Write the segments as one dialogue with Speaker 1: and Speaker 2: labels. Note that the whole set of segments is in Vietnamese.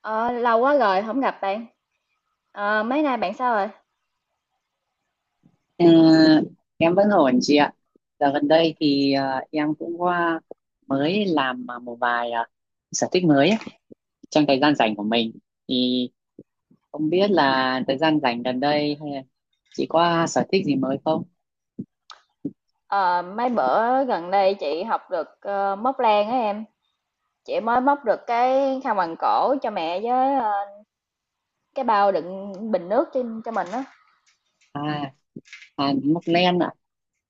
Speaker 1: Ờ, lâu quá rồi không gặp bạn. Ờ, mấy nay bạn sao rồi?
Speaker 2: Ờ, em vẫn ổn chị ạ. Dạo gần đây thì em cũng qua mới làm một vài sở thích mới ấy, trong thời gian rảnh của mình. Thì không biết là thời gian rảnh gần đây hay là chị có sở thích gì mới không?
Speaker 1: Ờ, mấy bữa gần đây chị học được ờ, móc len á em. Chị mới móc được cái khăn quàng cổ cho mẹ với ờ, cái bao đựng bình nước trên cho mình á.
Speaker 2: À, à móc len ạ.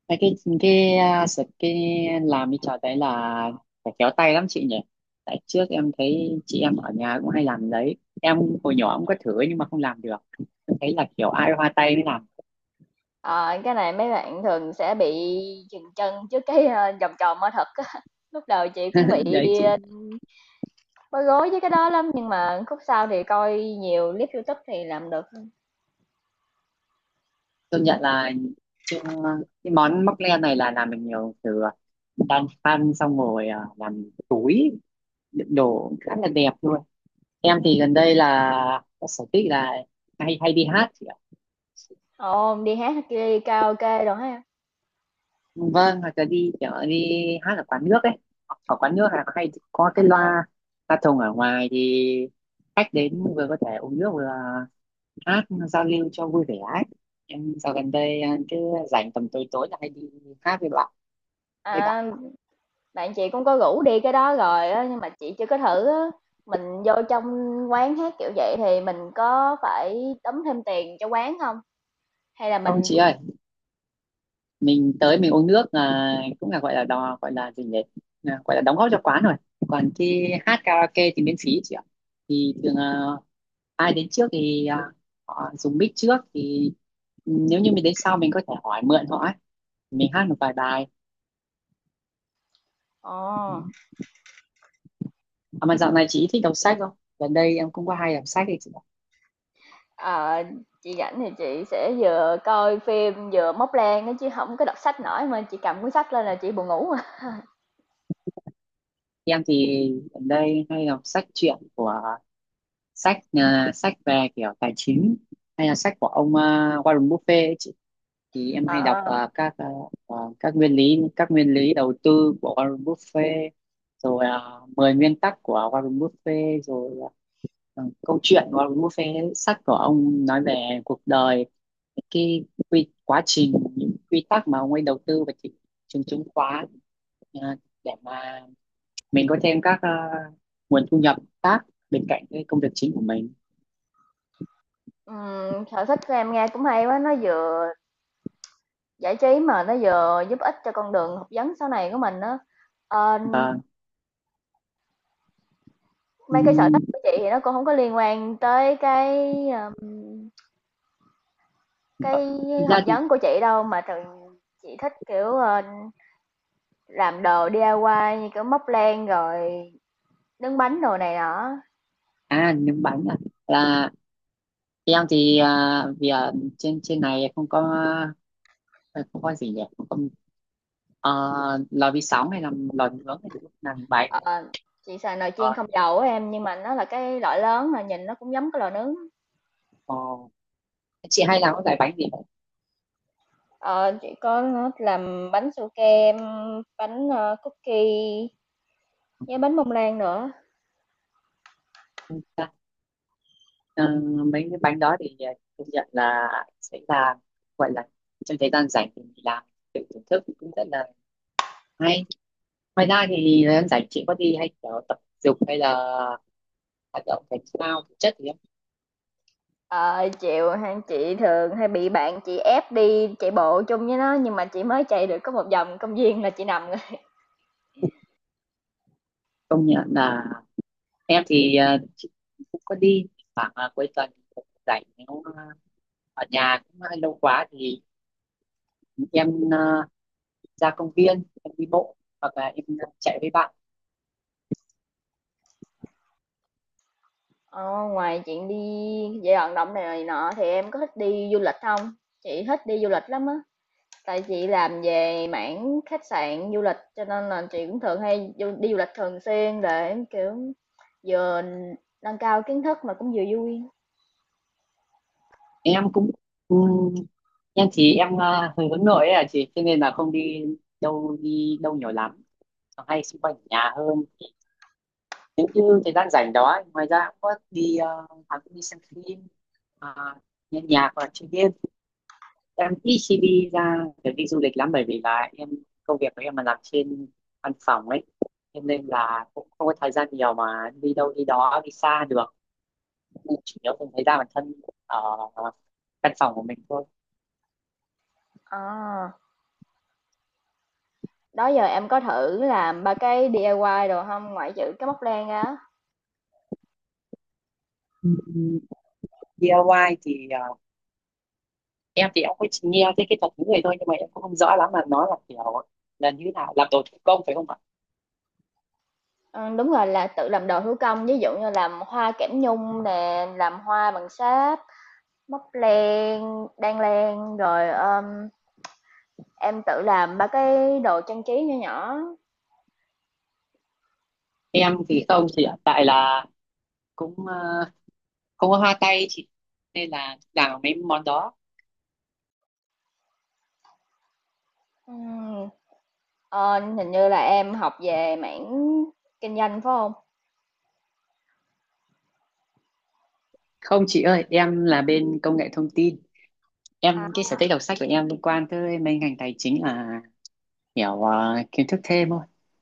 Speaker 2: Cái cái cái ờ, sở cái làm cái trò đấy là phải khéo tay lắm chị nhỉ. Tại trước em thấy chị em ở nhà cũng hay làm đấy. Em hồi nhỏ cũng có thử nhưng mà không làm được. Em thấy là kiểu ai hoa tay mới làm.
Speaker 1: Ờ, cái này mấy bạn thường sẽ bị chừng chân trước cái ờ, vòng tròn mở thật á. Lúc đầu chị cũng bị
Speaker 2: Đấy chị.
Speaker 1: ờ, bối rối với cái đó lắm nhưng mà khúc sau thì coi nhiều clip YouTube thì làm được.
Speaker 2: Công nhận là chưa, cái món móc len này là làm được nhiều, từ đan phân xong rồi à, làm túi đựng đồ khá là đẹp luôn. Em thì gần đây là có sở thích là hay hay đi hát chị ạ.
Speaker 1: Ồ, đi hát đi karaoke rồi hả em?
Speaker 2: Vâng, hoặc là đi kiểu đi hát ở quán nước ấy. Ở quán nước là hay có cái loa loa thùng ở ngoài thì khách đến vừa có thể uống nước vừa hát giao lưu cho vui vẻ ấy. Em dạo gần đây à, cứ rảnh tầm tối tối là hay đi hát với bạn.
Speaker 1: À. Bạn chị cũng có rủ đi cái đó rồi á, nhưng mà chị chưa có thử á. Mình vô trong quán hát kiểu vậy thì mình có phải đóng thêm tiền cho quán không? Hay là
Speaker 2: Ông
Speaker 1: mình
Speaker 2: chị
Speaker 1: chỉ.
Speaker 2: ơi, mình tới mình uống nước à, cũng là gọi là đò, gọi là gì nhỉ. À, gọi là đóng góp cho quán rồi, còn khi hát karaoke thì miễn phí chị ạ. Thì thường à, ai đến trước thì à, họ dùng mic trước thì nếu như mình đến sau mình có thể hỏi mượn họ ấy. Mình hát một vài bài.
Speaker 1: Ồ.
Speaker 2: À, mà dạo này chị thích đọc sách không, gần đây em cũng có hay đọc sách đấy chị ạ.
Speaker 1: Ờ, chị rảnh thì chị sẽ vừa coi phim vừa móc len á chứ không có đọc sách nổi mà chị cầm cuốn sách lên là chị buồn ngủ à.
Speaker 2: Em thì gần đây hay đọc sách truyện của sách à, sách về kiểu tài chính hay là sách của ông à, Warren Buffett ấy chị. Thì em hay
Speaker 1: Ờ,
Speaker 2: đọc à, các à, à, các nguyên lý đầu tư của Warren Buffett rồi, 10 nguyên tắc của Warren Buffett rồi, à, à, câu chuyện của Warren Buffett, sách của ông nói về cuộc đời, cái quy, quá trình những quy tắc mà ông ấy đầu tư vào thị trường chứng khoán, à, để mà mình có thêm các à, nguồn thu nhập khác bên cạnh cái công việc chính của mình.
Speaker 1: sở thích của em nghe cũng hay quá, nó vừa giải trí mà nó vừa giúp ích cho con đường học vấn sau này của mình á. Ờ,
Speaker 2: Và
Speaker 1: mấy cái sở
Speaker 2: ừm,
Speaker 1: thích của chị thì nó cũng không có liên quan tới ờm, cái
Speaker 2: thực
Speaker 1: học
Speaker 2: ra thì
Speaker 1: vấn của chị đâu, mà thường chị thích, kiểu, ờ, làm đồ DIY như kiểu móc len rồi nướng bánh đồ này nọ.
Speaker 2: à, nướng bánh à, là em thì à, vì à, trên trên này không có à, không có gì nhỉ, không có ờ, lò vi sóng hay là lò nướng hay là làm bánh.
Speaker 1: Ờ, chị xài nồi chiên
Speaker 2: Ờ,
Speaker 1: không dầu á em, nhưng mà nó là cái loại lớn à, nhìn nó cũng giống cái lò nướng.
Speaker 2: ờ, chị hay làm cái loại bánh gì vậy?
Speaker 1: Ờ, chị có làm bánh su kem, bánh, ơ, cookie với bánh bông lan nữa.
Speaker 2: Ừ, ờ, mấy cái bánh đó thì à, công nhận là sẽ là gọi là trong thời gian rảnh thì mình làm tự thưởng thức cũng rất là hay. Ngoài ra thì thời gian rảnh chị có đi hay kiểu tập dục hay là hoạt động thể thao thể chất thì em
Speaker 1: Ờ, chịu ha, chị thường hay bị bạn chị ép đi chạy bộ chung với nó nhưng mà chị mới chạy được có một vòng công viên là chị nằm rồi.
Speaker 2: công nhận là em thì ờ, chị cũng có đi khoảng ờ, cuối tuần cũng rảnh, nếu ờ, ở nhà cũng hơi lâu quá thì em ờ, ra công viên em đi bộ hoặc là em ờ, chạy với bạn.
Speaker 1: Ờ, ngoài chuyện đi dạy vận động này nọ thì em có thích đi du lịch không? Chị thích đi du lịch lắm á. Tại chị làm về mảng khách sạn du lịch cho nên là chị cũng thường hay du- đi du lịch thường xuyên để kiểu vừa nâng cao kiến thức mà cũng vừa vui.
Speaker 2: Em cũng ừm, em thì em ờ, hơi hướng nội ấy à chị, cho nên là không đi đâu nhiều lắm, hay xung quanh ở nhà hơn. Nếu như thời gian rảnh đó ngoài ra cũng có đi ờ, à, cũng đi xem phim à, nghe nhạc hoặc là chơi game. Em ít khi đi ra để đi du lịch lắm, bởi vì là em công việc của em là làm trên văn phòng ấy, cho nên là cũng không có thời gian nhiều mà đi đâu đi đó đi xa được, nên chủ yếu cũng thấy ra bản thân ở căn phòng của mình thôi.
Speaker 1: Ờ, đó giờ em có thử làm ba cái DIY đồ không? Ngoại trừ cái móc len ra á.
Speaker 2: Ừ, DIY thì ờ, em thì em cũng chỉ nghe thấy cái thuật ngữ này thôi nhưng mà em cũng không rõ lắm là nó là kiểu là như thế nào, làm đồ thủ công phải không ạ?
Speaker 1: Ờ, đúng rồi, là tự làm đồ thủ công, ví dụ như làm hoa kẽm nhung nè, làm hoa bằng sáp, móc len, đan len, rồi, em tự làm 3 cái đồ trang trí nhỏ nhỏ.
Speaker 2: Em thì không thì hiện tại là cũng ờ, không có hoa tay chị, nên là làm mấy món đó.
Speaker 1: Ừm, ờ, hình như là em học về mảng kinh doanh phải không?
Speaker 2: Không chị ơi, em là bên công nghệ thông tin.
Speaker 1: À.
Speaker 2: Em, cái sở thích đọc sách của em liên quan tới mấy ngành tài chính là hiểu ờ, kiến thức thêm thôi.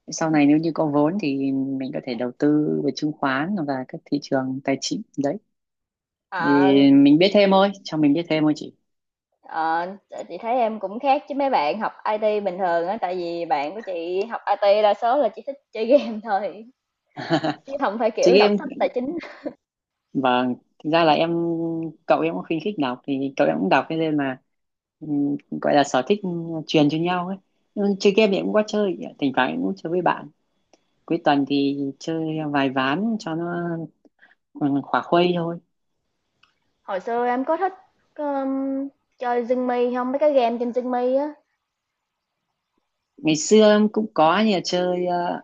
Speaker 2: Sau này nếu như có vốn thì mình có thể đầu tư về chứng khoán và các thị trường tài chính đấy. Thì
Speaker 1: Ờ,
Speaker 2: mình biết thêm thôi, cho mình biết thêm thôi chị.
Speaker 1: ờ, chị thấy em cũng khác chứ mấy bạn học IT bình thường á, tại vì bạn của chị học IT đa số là chỉ thích chơi game thôi, chứ không phải
Speaker 2: Chị
Speaker 1: kiểu đọc
Speaker 2: em,
Speaker 1: sách tài chính.
Speaker 2: vâng, thực ra là em cậu em cũng khuyến khích đọc thì cậu em cũng đọc, thế nên là ừm, gọi là sở thích truyền cho nhau ấy. Ừ, chơi game thì em cũng có chơi, thỉnh thoảng em cũng chơi với bạn. Cuối tuần thì chơi vài ván cho nó ừ, khỏa khuây thôi.
Speaker 1: Hồi xưa em có thích, ờm, chơi Zing-mi hông? Mấy cái game trên Zing-mi á.
Speaker 2: Ngày xưa em cũng có như là chơi ờ,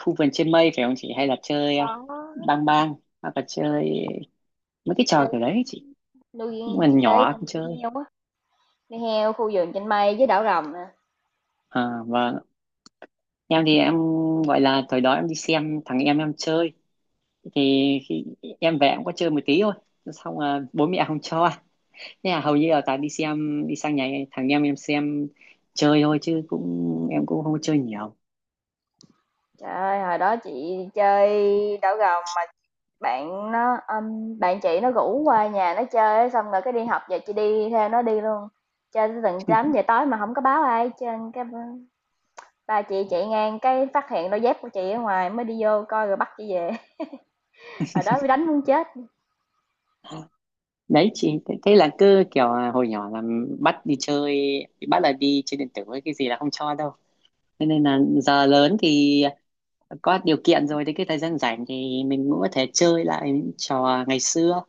Speaker 2: khu vườn trên mây phải không chị, hay là chơi ờ,
Speaker 1: Có.
Speaker 2: bang bang hoặc là chơi mấy cái trò
Speaker 1: Chơi
Speaker 2: kiểu đấy chị.
Speaker 1: nuôi
Speaker 2: Nhưng mà
Speaker 1: chị chơi
Speaker 2: nhỏ
Speaker 1: game
Speaker 2: không chơi.
Speaker 1: nuôi heo á, nuôi heo khu vườn trên mây với đảo rồng nè.
Speaker 2: À, vâng, em thì em gọi là thời đó em đi xem thằng em chơi, thì khi em về em có chơi một tí thôi, xong là bố mẹ không cho, thế là hầu như là toàn đi xem đi sang nhà thằng em xem chơi thôi, chứ cũng em cũng không có chơi nhiều.
Speaker 1: Trời ơi, hồi đó chị chơi đảo rồng, bạn nó, bạn chị nó rủ qua nhà nó chơi xong rồi cái đi học về chị đi theo nó đi luôn. Chơi tới tận 8:00 tối mà không có báo ai hết cái ba chị chạy ngang cái phát hiện đôi dép của chị ở ngoài mới đi vô coi rồi bắt chị về. Hồi đó bị đánh muốn chết.
Speaker 2: Đấy chị thế, thế là cứ kiểu là hồi nhỏ là bắt đi chơi, bắt là đi chơi điện tử với cái gì là không cho đâu, thế nên là giờ lớn thì có điều kiện rồi thì cái thời gian rảnh thì mình cũng có thể chơi lại những trò ngày xưa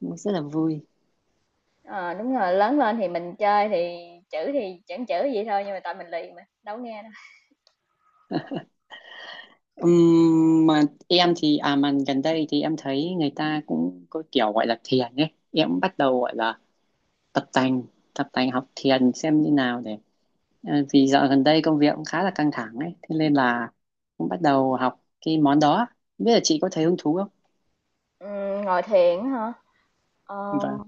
Speaker 2: rất là vui.
Speaker 1: Ờ, đúng rồi, lớn lên thì mình chơi thì chữ thì chẳng chữ gì thôi nhưng mà tại mình lì mà, đâu có nghe đâu.
Speaker 2: Mà em thì à mà gần đây thì em thấy người ta cũng có kiểu gọi là thiền ấy, em cũng bắt đầu gọi là tập tành tập tành học thiền xem như nào để ờ, vì dạo gần đây công việc cũng khá là căng thẳng ấy thế nên là cũng bắt đầu học cái món đó. Không biết là chị có thấy hứng thú không?
Speaker 1: Ngồi thiền á hả?
Speaker 2: Vâng.
Speaker 1: Ờm,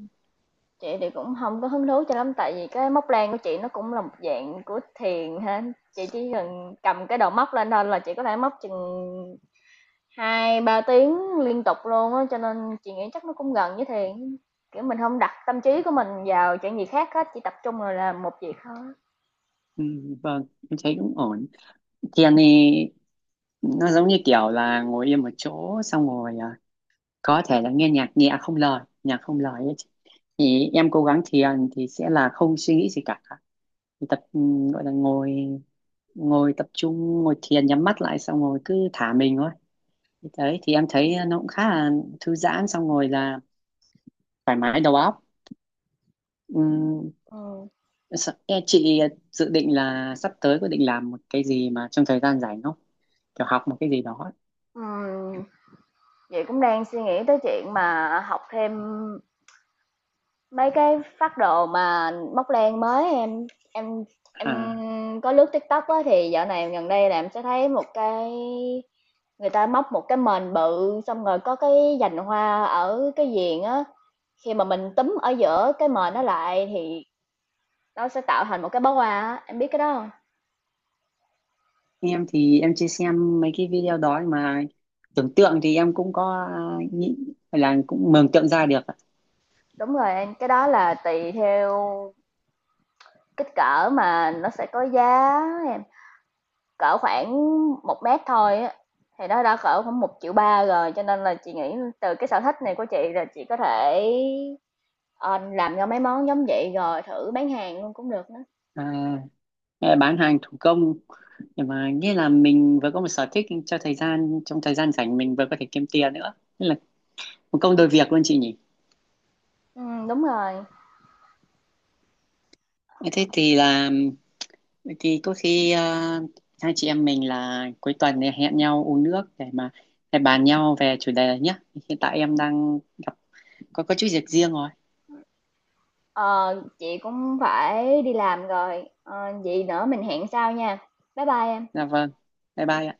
Speaker 1: chị thì cũng không có hứng thú cho lắm tại vì cái móc len của chị nó cũng là một dạng của thiền ha. Chị chỉ cần cầm cái đầu móc lên thôi là chị có thể móc chừng 2-3 tiếng liên tục luôn á cho nên chị nghĩ chắc nó cũng gần với thiền. Kiểu mình không đặt tâm trí của mình vào chuyện gì khác hết, chỉ tập trung vào làm một việc thôi.
Speaker 2: Ừ, vâng em thấy cũng ổn. Thiền thì nó giống như kiểu là ngồi yên một chỗ xong rồi à, có thể là nghe nhạc nhẹ không lời, nhạc không lời ấy chị. Thì em cố gắng thiền thì sẽ là không suy nghĩ gì cả. Thì tập ừ, gọi là ngồi, ngồi tập trung ngồi thiền nhắm mắt lại xong rồi cứ thả mình thôi. Thì đấy thì em thấy nó cũng khá là thư giãn, xong rồi là thoải mái đầu óc. Ừm,
Speaker 1: Ừ.
Speaker 2: Em chị dự định là sắp tới có định làm một cái gì mà trong thời gian rảnh không, kiểu học một cái gì đó ấy.
Speaker 1: Ừ, chị cũng đang suy nghĩ tới chuyện mà học thêm mấy cái phác đồ mà móc len mới em
Speaker 2: À,
Speaker 1: em có lướt TikTok á thì dạo này gần đây là em sẽ thấy một cái người ta móc một cái mền bự xong rồi có cái dành hoa ở cái viền á, khi mà mình túm ở giữa cái mền nó lại thì nó sẽ tạo thành một cái bó hoa á, em biết cái đó không?
Speaker 2: em thì em chưa xem mấy cái video đó ấy, mà tưởng tượng thì em cũng có ờ, nghĩ là cũng mường tượng ra được ạ.
Speaker 1: Đúng rồi em, cái đó là tùy theo kích cỡ mà nó sẽ có giá em. Cỡ khoảng 1 mét thôi á, thì nó đã cỡ khoảng 1,3 triệu rồi, cho nên là chị nghĩ từ cái sở thích này của chị là chị có thể, ờ, làm ra mấy món giống vậy rồi thử bán hàng luôn cũng được nữa.
Speaker 2: À, em bán hàng thủ công, nhưng mà nghĩa là mình vừa có một sở thích cho thời gian trong thời gian rảnh, mình vừa có thể kiếm tiền nữa. Nên là một công đôi việc luôn chị nhỉ.
Speaker 1: Đúng rồi.
Speaker 2: Thế thì là vậy thì có khi à, hai chị em mình là cuối tuần này hẹn nhau uống nước để mà để bàn nhau về chủ đề này nhé. Hiện tại em đang gặp có chút việc riêng rồi.
Speaker 1: Ờ, chị cũng phải đi làm rồi, ờ, vậy nữa mình hẹn sau nha. Bye bye em.
Speaker 2: Dạ vâng. Bye bye ạ.